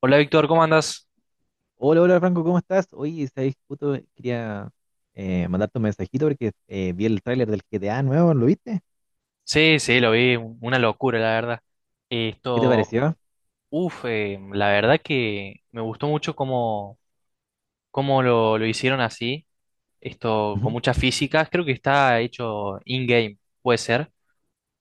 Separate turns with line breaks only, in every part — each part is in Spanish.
Hola Víctor, ¿cómo andas?
Hola, hola Franco, ¿cómo estás? Oye, sabes, justo quería mandarte un mensajito porque vi el tráiler del GTA nuevo, ¿lo viste?
Sí, sí, lo vi, una locura, la verdad.
¿Qué te
Esto,
pareció?
uff, la verdad que me gustó mucho cómo, cómo lo hicieron así, esto con
Ujú.
muchas físicas, creo que está hecho in-game, puede ser.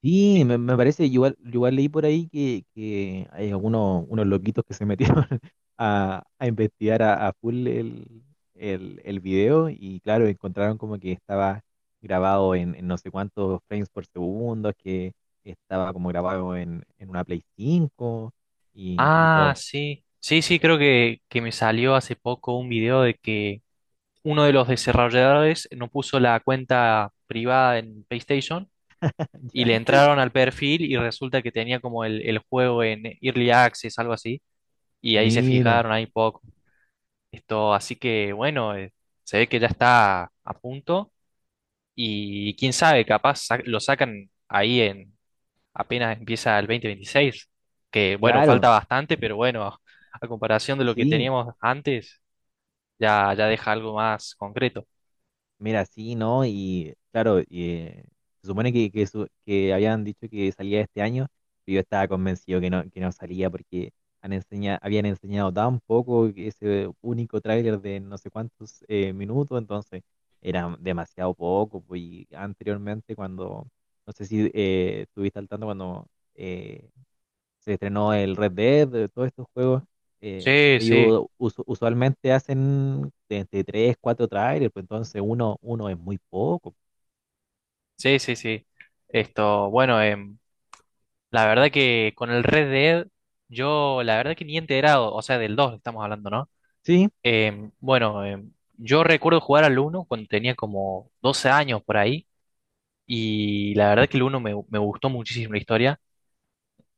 Sí, me parece, yo igual leí por ahí que hay algunos unos loquitos que se metieron a investigar a full el video y claro, encontraron como que estaba grabado en no sé cuántos frames por segundo, que estaba como grabado en una Play 5 y
Ah,
todo.
sí, sí, sí, creo que me salió hace poco un video de que uno de los desarrolladores no puso la cuenta privada en PlayStation y le
Ya.
entraron al perfil y resulta que tenía como el juego en Early Access, algo así. Y ahí se
Mira.
fijaron ahí poco. Así que bueno, se ve que ya está a punto y quién sabe, capaz lo sacan ahí en apenas empieza el 2026, que bueno,
Claro,
falta bastante, pero bueno, a comparación de lo que
sí,
teníamos antes, ya deja algo más concreto.
mira, sí, ¿no? Y claro, se supone que habían dicho que salía este año, pero yo estaba convencido que no salía porque habían enseñado tan poco que ese único tráiler de no sé cuántos minutos, entonces era demasiado poco, pues. Y anteriormente cuando, no sé si estuviste al tanto cuando eh, se estrenó el Red Dead, de todos estos juegos. eh,
Sí, sí,
ellos usu- usualmente hacen de entre 3, 4 trailers, pues entonces uno es muy poco.
sí, sí, sí. Esto, bueno, em, la verdad que con el Red Dead, yo la verdad que ni he enterado, o sea, del 2 estamos hablando, ¿no?
Sí,
Eh, bueno, eh, yo recuerdo jugar al uno cuando tenía como 12 años por ahí y la verdad que el uno me gustó muchísimo la historia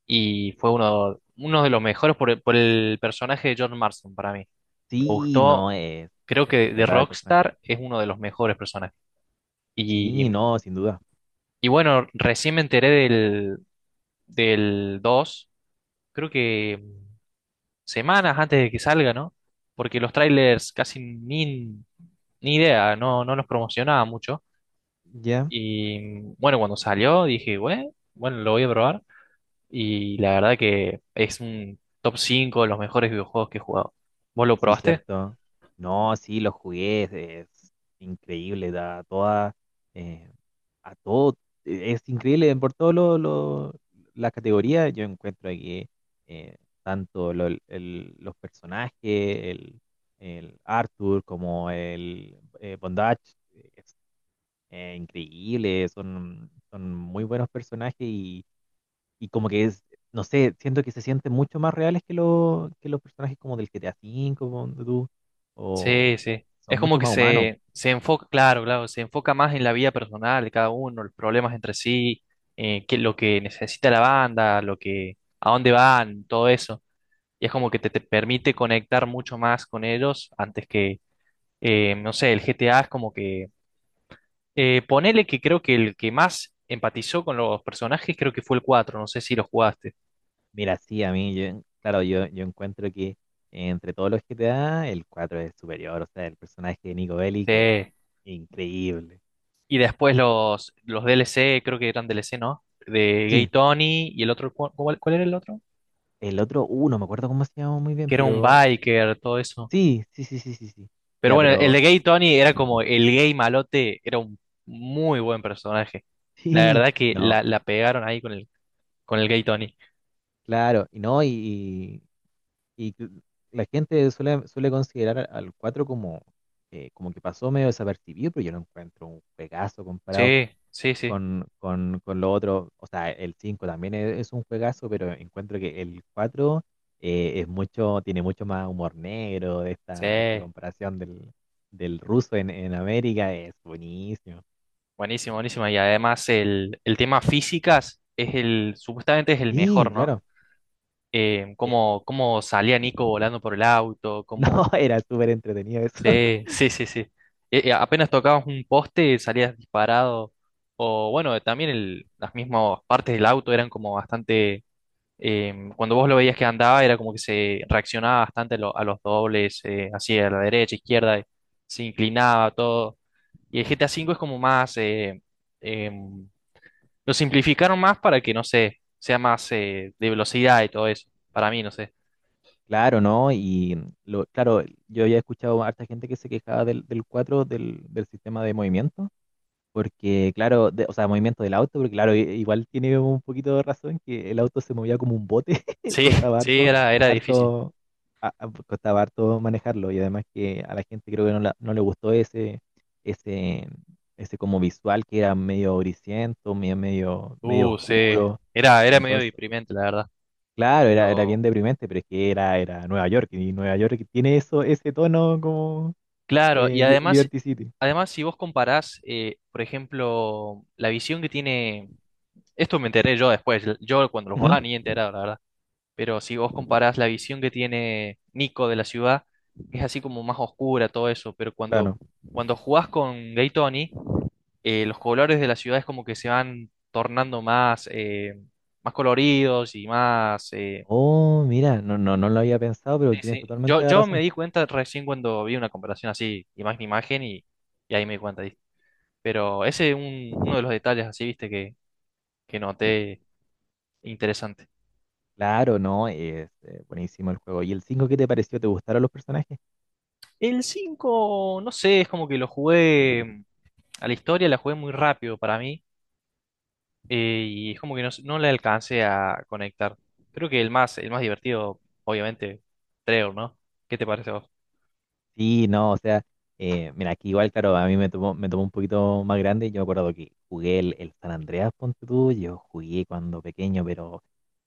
y fue uno de los mejores por el personaje de John Marston para mí. Me
sí, no,
gustó,
es
creo que de
espectacular el personaje.
Rockstar es uno de los mejores personajes. Y,
Sí, no, sin duda.
y bueno, recién me enteré del 2, creo que semanas antes de que salga, ¿no? Porque los trailers casi ni, ni idea, no, no los promocionaba mucho.
Ya.
Y bueno, cuando salió dije, bueno, bueno, lo voy a probar. Y la verdad que es un top 5 de los mejores videojuegos que he jugado. ¿Vos lo
Sí,
probaste?
cierto. No, sí, lo jugué, es increíble, da toda, eh, a todo, e, es increíble por todo la categoría, yo encuentro que eh, tanto los personajes, el Arthur como el Bondage, es increíble, son, son muy buenos personajes y como que no sé, siento que se sienten mucho más reales que los personajes como del GTA V, como de tú,
Sí,
o
sí.
son
Es como
mucho
que
más humanos.
se enfoca, claro, claro, se enfoca más en la vida personal de cada uno, los problemas entre sí, lo que necesita la banda, lo que, a dónde van, todo eso. Y es como que te permite conectar mucho más con ellos antes que, no sé, el GTA es como que ponele que creo que el que más empatizó con los personajes creo que fue el cuatro, no sé si los jugaste.
Mira, sí, a mí, yo, claro, yo encuentro que entre todos los GTA, el 4 es superior, o sea, el personaje de Nico Bellic es
Sí.
increíble.
Y después los D L C, creo que eran D L C, ¿no? De Gay
Sí,
Tony y el otro, ¿cuál, cuál era el otro?
el otro, no me acuerdo cómo se llama muy bien,
Que era un
pero
biker, todo eso.
sí, sí, sí, sí, sí, sí.
Pero
Ya,
bueno, el de
pero
Gay Tony era como el gay malote, era un muy buen personaje. La
sí,
verdad que
no,
la pegaron ahí con con el Gay Tony.
claro, y no, y que la gente suele, suele considerar al 4 como, como que pasó medio desapercibido, pero yo lo encuentro un juegazo comparado
Sí, sí, sí,
con con lo otro. O sea, el 5 también es un juegazo, pero encuentro que el 4 es mucho, tiene mucho más humor negro. De
sí.
Esta, esta comparación del ruso en América es buenísimo.
Buenísimo, buenísimo. Y además el tema físicas es el, supuestamente es el
Sí,
mejor, ¿no?
claro. Eh,
Cómo, cómo salía Nico volando por el auto,
no,
cómo...
era súper entretenido eso.
Sí, sí, sí, sí. Apenas tocabas un poste, salías disparado. O bueno, también las mismas partes del auto eran como bastante... cuando vos lo veías que andaba, era como que se reaccionaba bastante a los dobles, así a la derecha, izquierda, se inclinaba todo. Y el GTA V es como más... em, lo simplificaron más para que, no sé, sea más de velocidad y todo eso. Para mí, no sé.
Claro, ¿no? Y lo, claro, yo ya he escuchado a harta gente que se quejaba del 4, del sistema de movimiento, porque claro, de- o sea, movimiento del auto, porque claro, i- igual tiene un poquito de razón que el auto se movía como un bote,
Sí,
costaba
sí,
harto,
era, era difícil.
harto, a- costaba harto manejarlo y además que a la gente creo que no, la- no le gustó ese, ese como visual que era medio grisiento, medio, medio, medio
Sí.
oscuro.
Era, era medio deprimente, la verdad.
Claro, era, era bien
Pero,
deprimente, pero es que era, era Nueva York, y Nueva York tiene eso, ese tono como
claro, y además,
Liberty City.
además si vos comparás, por ejemplo, la visión que tiene, esto me enteré yo después, yo cuando lo
Ujú,
jugaba ni enterado, la verdad, pero si vos comparás la visión que tiene Nico de la ciudad, es así como más oscura, todo eso, pero cuando,
claro.
cuando jugás con Gay, los colores de las ciudades como que se van tornando más, más coloridos y más...
Oh, mira, no, no, no lo había pensado, pero
sí,
tienes
sí.
totalmente la
Yo me
razón.
di cuenta recién cuando vi una comparación así, imagen a imagen, y ahí me di cuenta. ¿Viste? Pero ese es uno de los detalles así, viste, que noté interesante.
Claro, no, es buenísimo el juego. ¿Y el 5 qué te pareció? ¿Te gustaron los personajes?
El 5 no sé, es como que lo jugué a la historia, la jugué muy rápido para mí, y es como que no le alcancé a conectar. Creo que el más divertido, obviamente, Trevor, ¿no? ¿Qué te parece a vos?
Sí, no, o sea, mira, aquí igual, claro, a mí me tomó un poquito más grande. Yo me acuerdo que jugué el San Andreas, ponte tú, yo jugué cuando pequeño, pero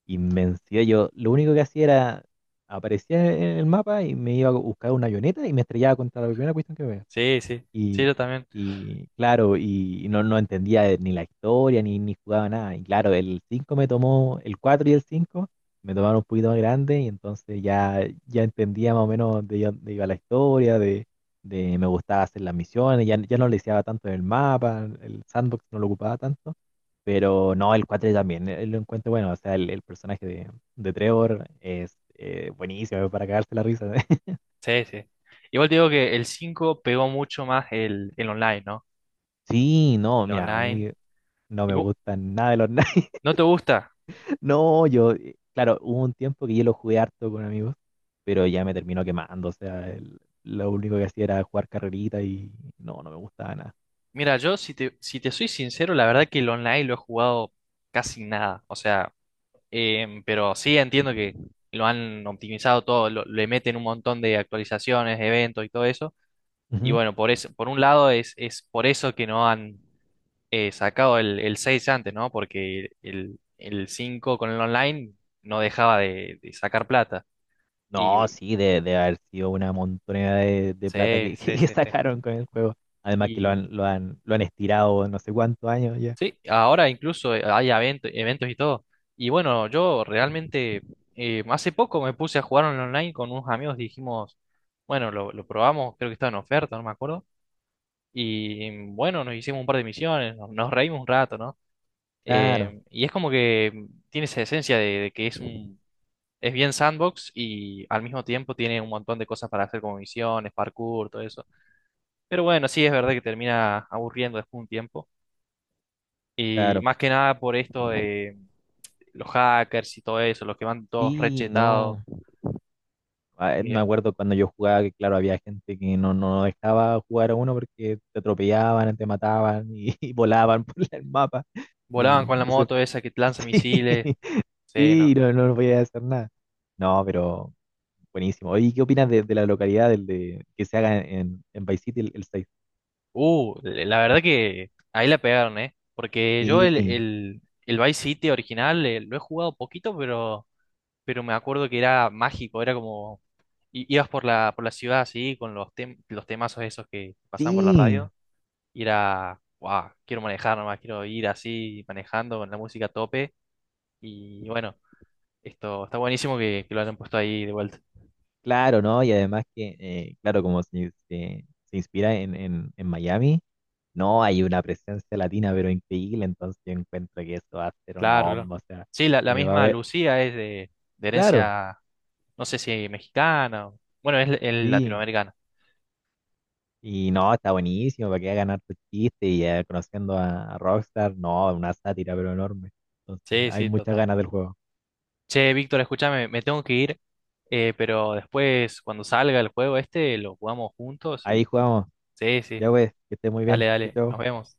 invenció. Yo lo único que hacía era, aparecía en el mapa y me iba a buscar una avioneta y me estrellaba contra la primera cuestión que veía.
Sí, sí, sí,
Y,
yo también.
y claro, y no, no entendía ni la historia, ni, ni jugaba nada. Y claro, el 4 y el 5 me tomaron un poquito más grande y entonces ya, ya entendía más o menos de dónde iba la historia, de me gustaba hacer las misiones, ya, ya no le deseaba tanto en el mapa, el sandbox no lo ocupaba tanto. Pero no, el 4 también, lo encuentro bueno, o sea, el personaje de Trevor es buenísimo para cagarse la risa.
Sí, sí. Igual te digo que el 5 pegó mucho más el online, ¿no?
Sí, no,
El
mira, a
online.
mí no
Y
me
vo-
gustan nada de los
¿No te gusta?
no, yo, claro, hubo un tiempo que yo lo jugué harto con amigos, pero ya me terminó quemando, o sea, el- lo único que hacía era jugar carrerita y no, no me gustaba nada.
Mira, yo si si te soy sincero, la verdad que el online lo he jugado casi nada. O sea, em, pero sí entiendo que lo han optimizado todo, le meten un montón de actualizaciones, eventos y todo eso. Y
Ujú.
bueno, por eso, por un lado es por eso que no han sacado el 6 antes, ¿no? Porque el 5 con el online no dejaba de sacar plata.
No,
Y
sí, de haber sido una montonera de plata
sí,
que,
sí,
que
sí, sí.
sacaron con el juego. Además que
Y
lo han estirado no sé cuántos años ya.
sí, ahora incluso hay eventos y todo. Y bueno, yo realmente hace poco me puse a jugar en online con unos amigos, dijimos, bueno, lo probamos, creo que estaba en oferta, no me acuerdo. Y bueno, nos hicimos un par de misiones, nos reímos un rato, ¿no?
Claro,
Y es como que mm, tiene esa esencia de que es un... Es bien sandbox y al mismo tiempo tiene un montón de cosas para hacer como misiones, parkour, todo eso. Pero bueno, sí es verdad que termina aburriendo después de un tiempo. Y
claro.
más que nada por esto de los hackers y todo eso, los que van todos
Sí,
rechetados.
no. Ah, me
Eh,
acuerdo cuando yo jugaba que, claro, había gente que no, no dejaba jugar a uno porque te atropellaban, te mataban y, y volaban por el mapa.
volaban
Y
con la
no sé,
moto esa que lanza
sí,
misiles. Sí,
sí,
no.
no, no voy a hacer nada. No, pero buenísimo. Oye, ¿qué opinas de la localidad del de, que se haga en Vice City el 6?
La verdad que ahí la pegaron, ¿eh? Porque yo
Sí,
el Vice City original lo he jugado poquito, pero me acuerdo que era mágico, era como ibas por por la ciudad así, con los, los temazos esos que pasaban por la
sí,
radio, y era, wow, quiero manejar nomás, quiero ir así manejando con la música a tope, y bueno, esto está buenísimo que lo hayan puesto ahí de vuelta.
claro, ¿no? Y además que, claro, como se inspira en Miami, no, hay una presencia latina, pero increíble, entonces yo encuentro que eso va a ser una
Claro, claro.
bomba, o sea,
Sí, la
va a
misma
haber,
Lucía es de
claro,
herencia, no sé si mexicana, bueno, es
sí,
latinoamericana.
y no, está buenísimo, para que hagan harto chiste y conociendo a Rockstar, no, una sátira, pero enorme, entonces
Sí,
hay
sí,
muchas
total.
ganas del juego.
Che, Víctor, escúchame, me tengo que ir, pero después, cuando salga el juego este, lo jugamos juntos
Ahí
y...
jugamos,
Sí, sí,
ya pues, que esté muy bien,
dale,
chao,
dale,
chao.
nos vemos.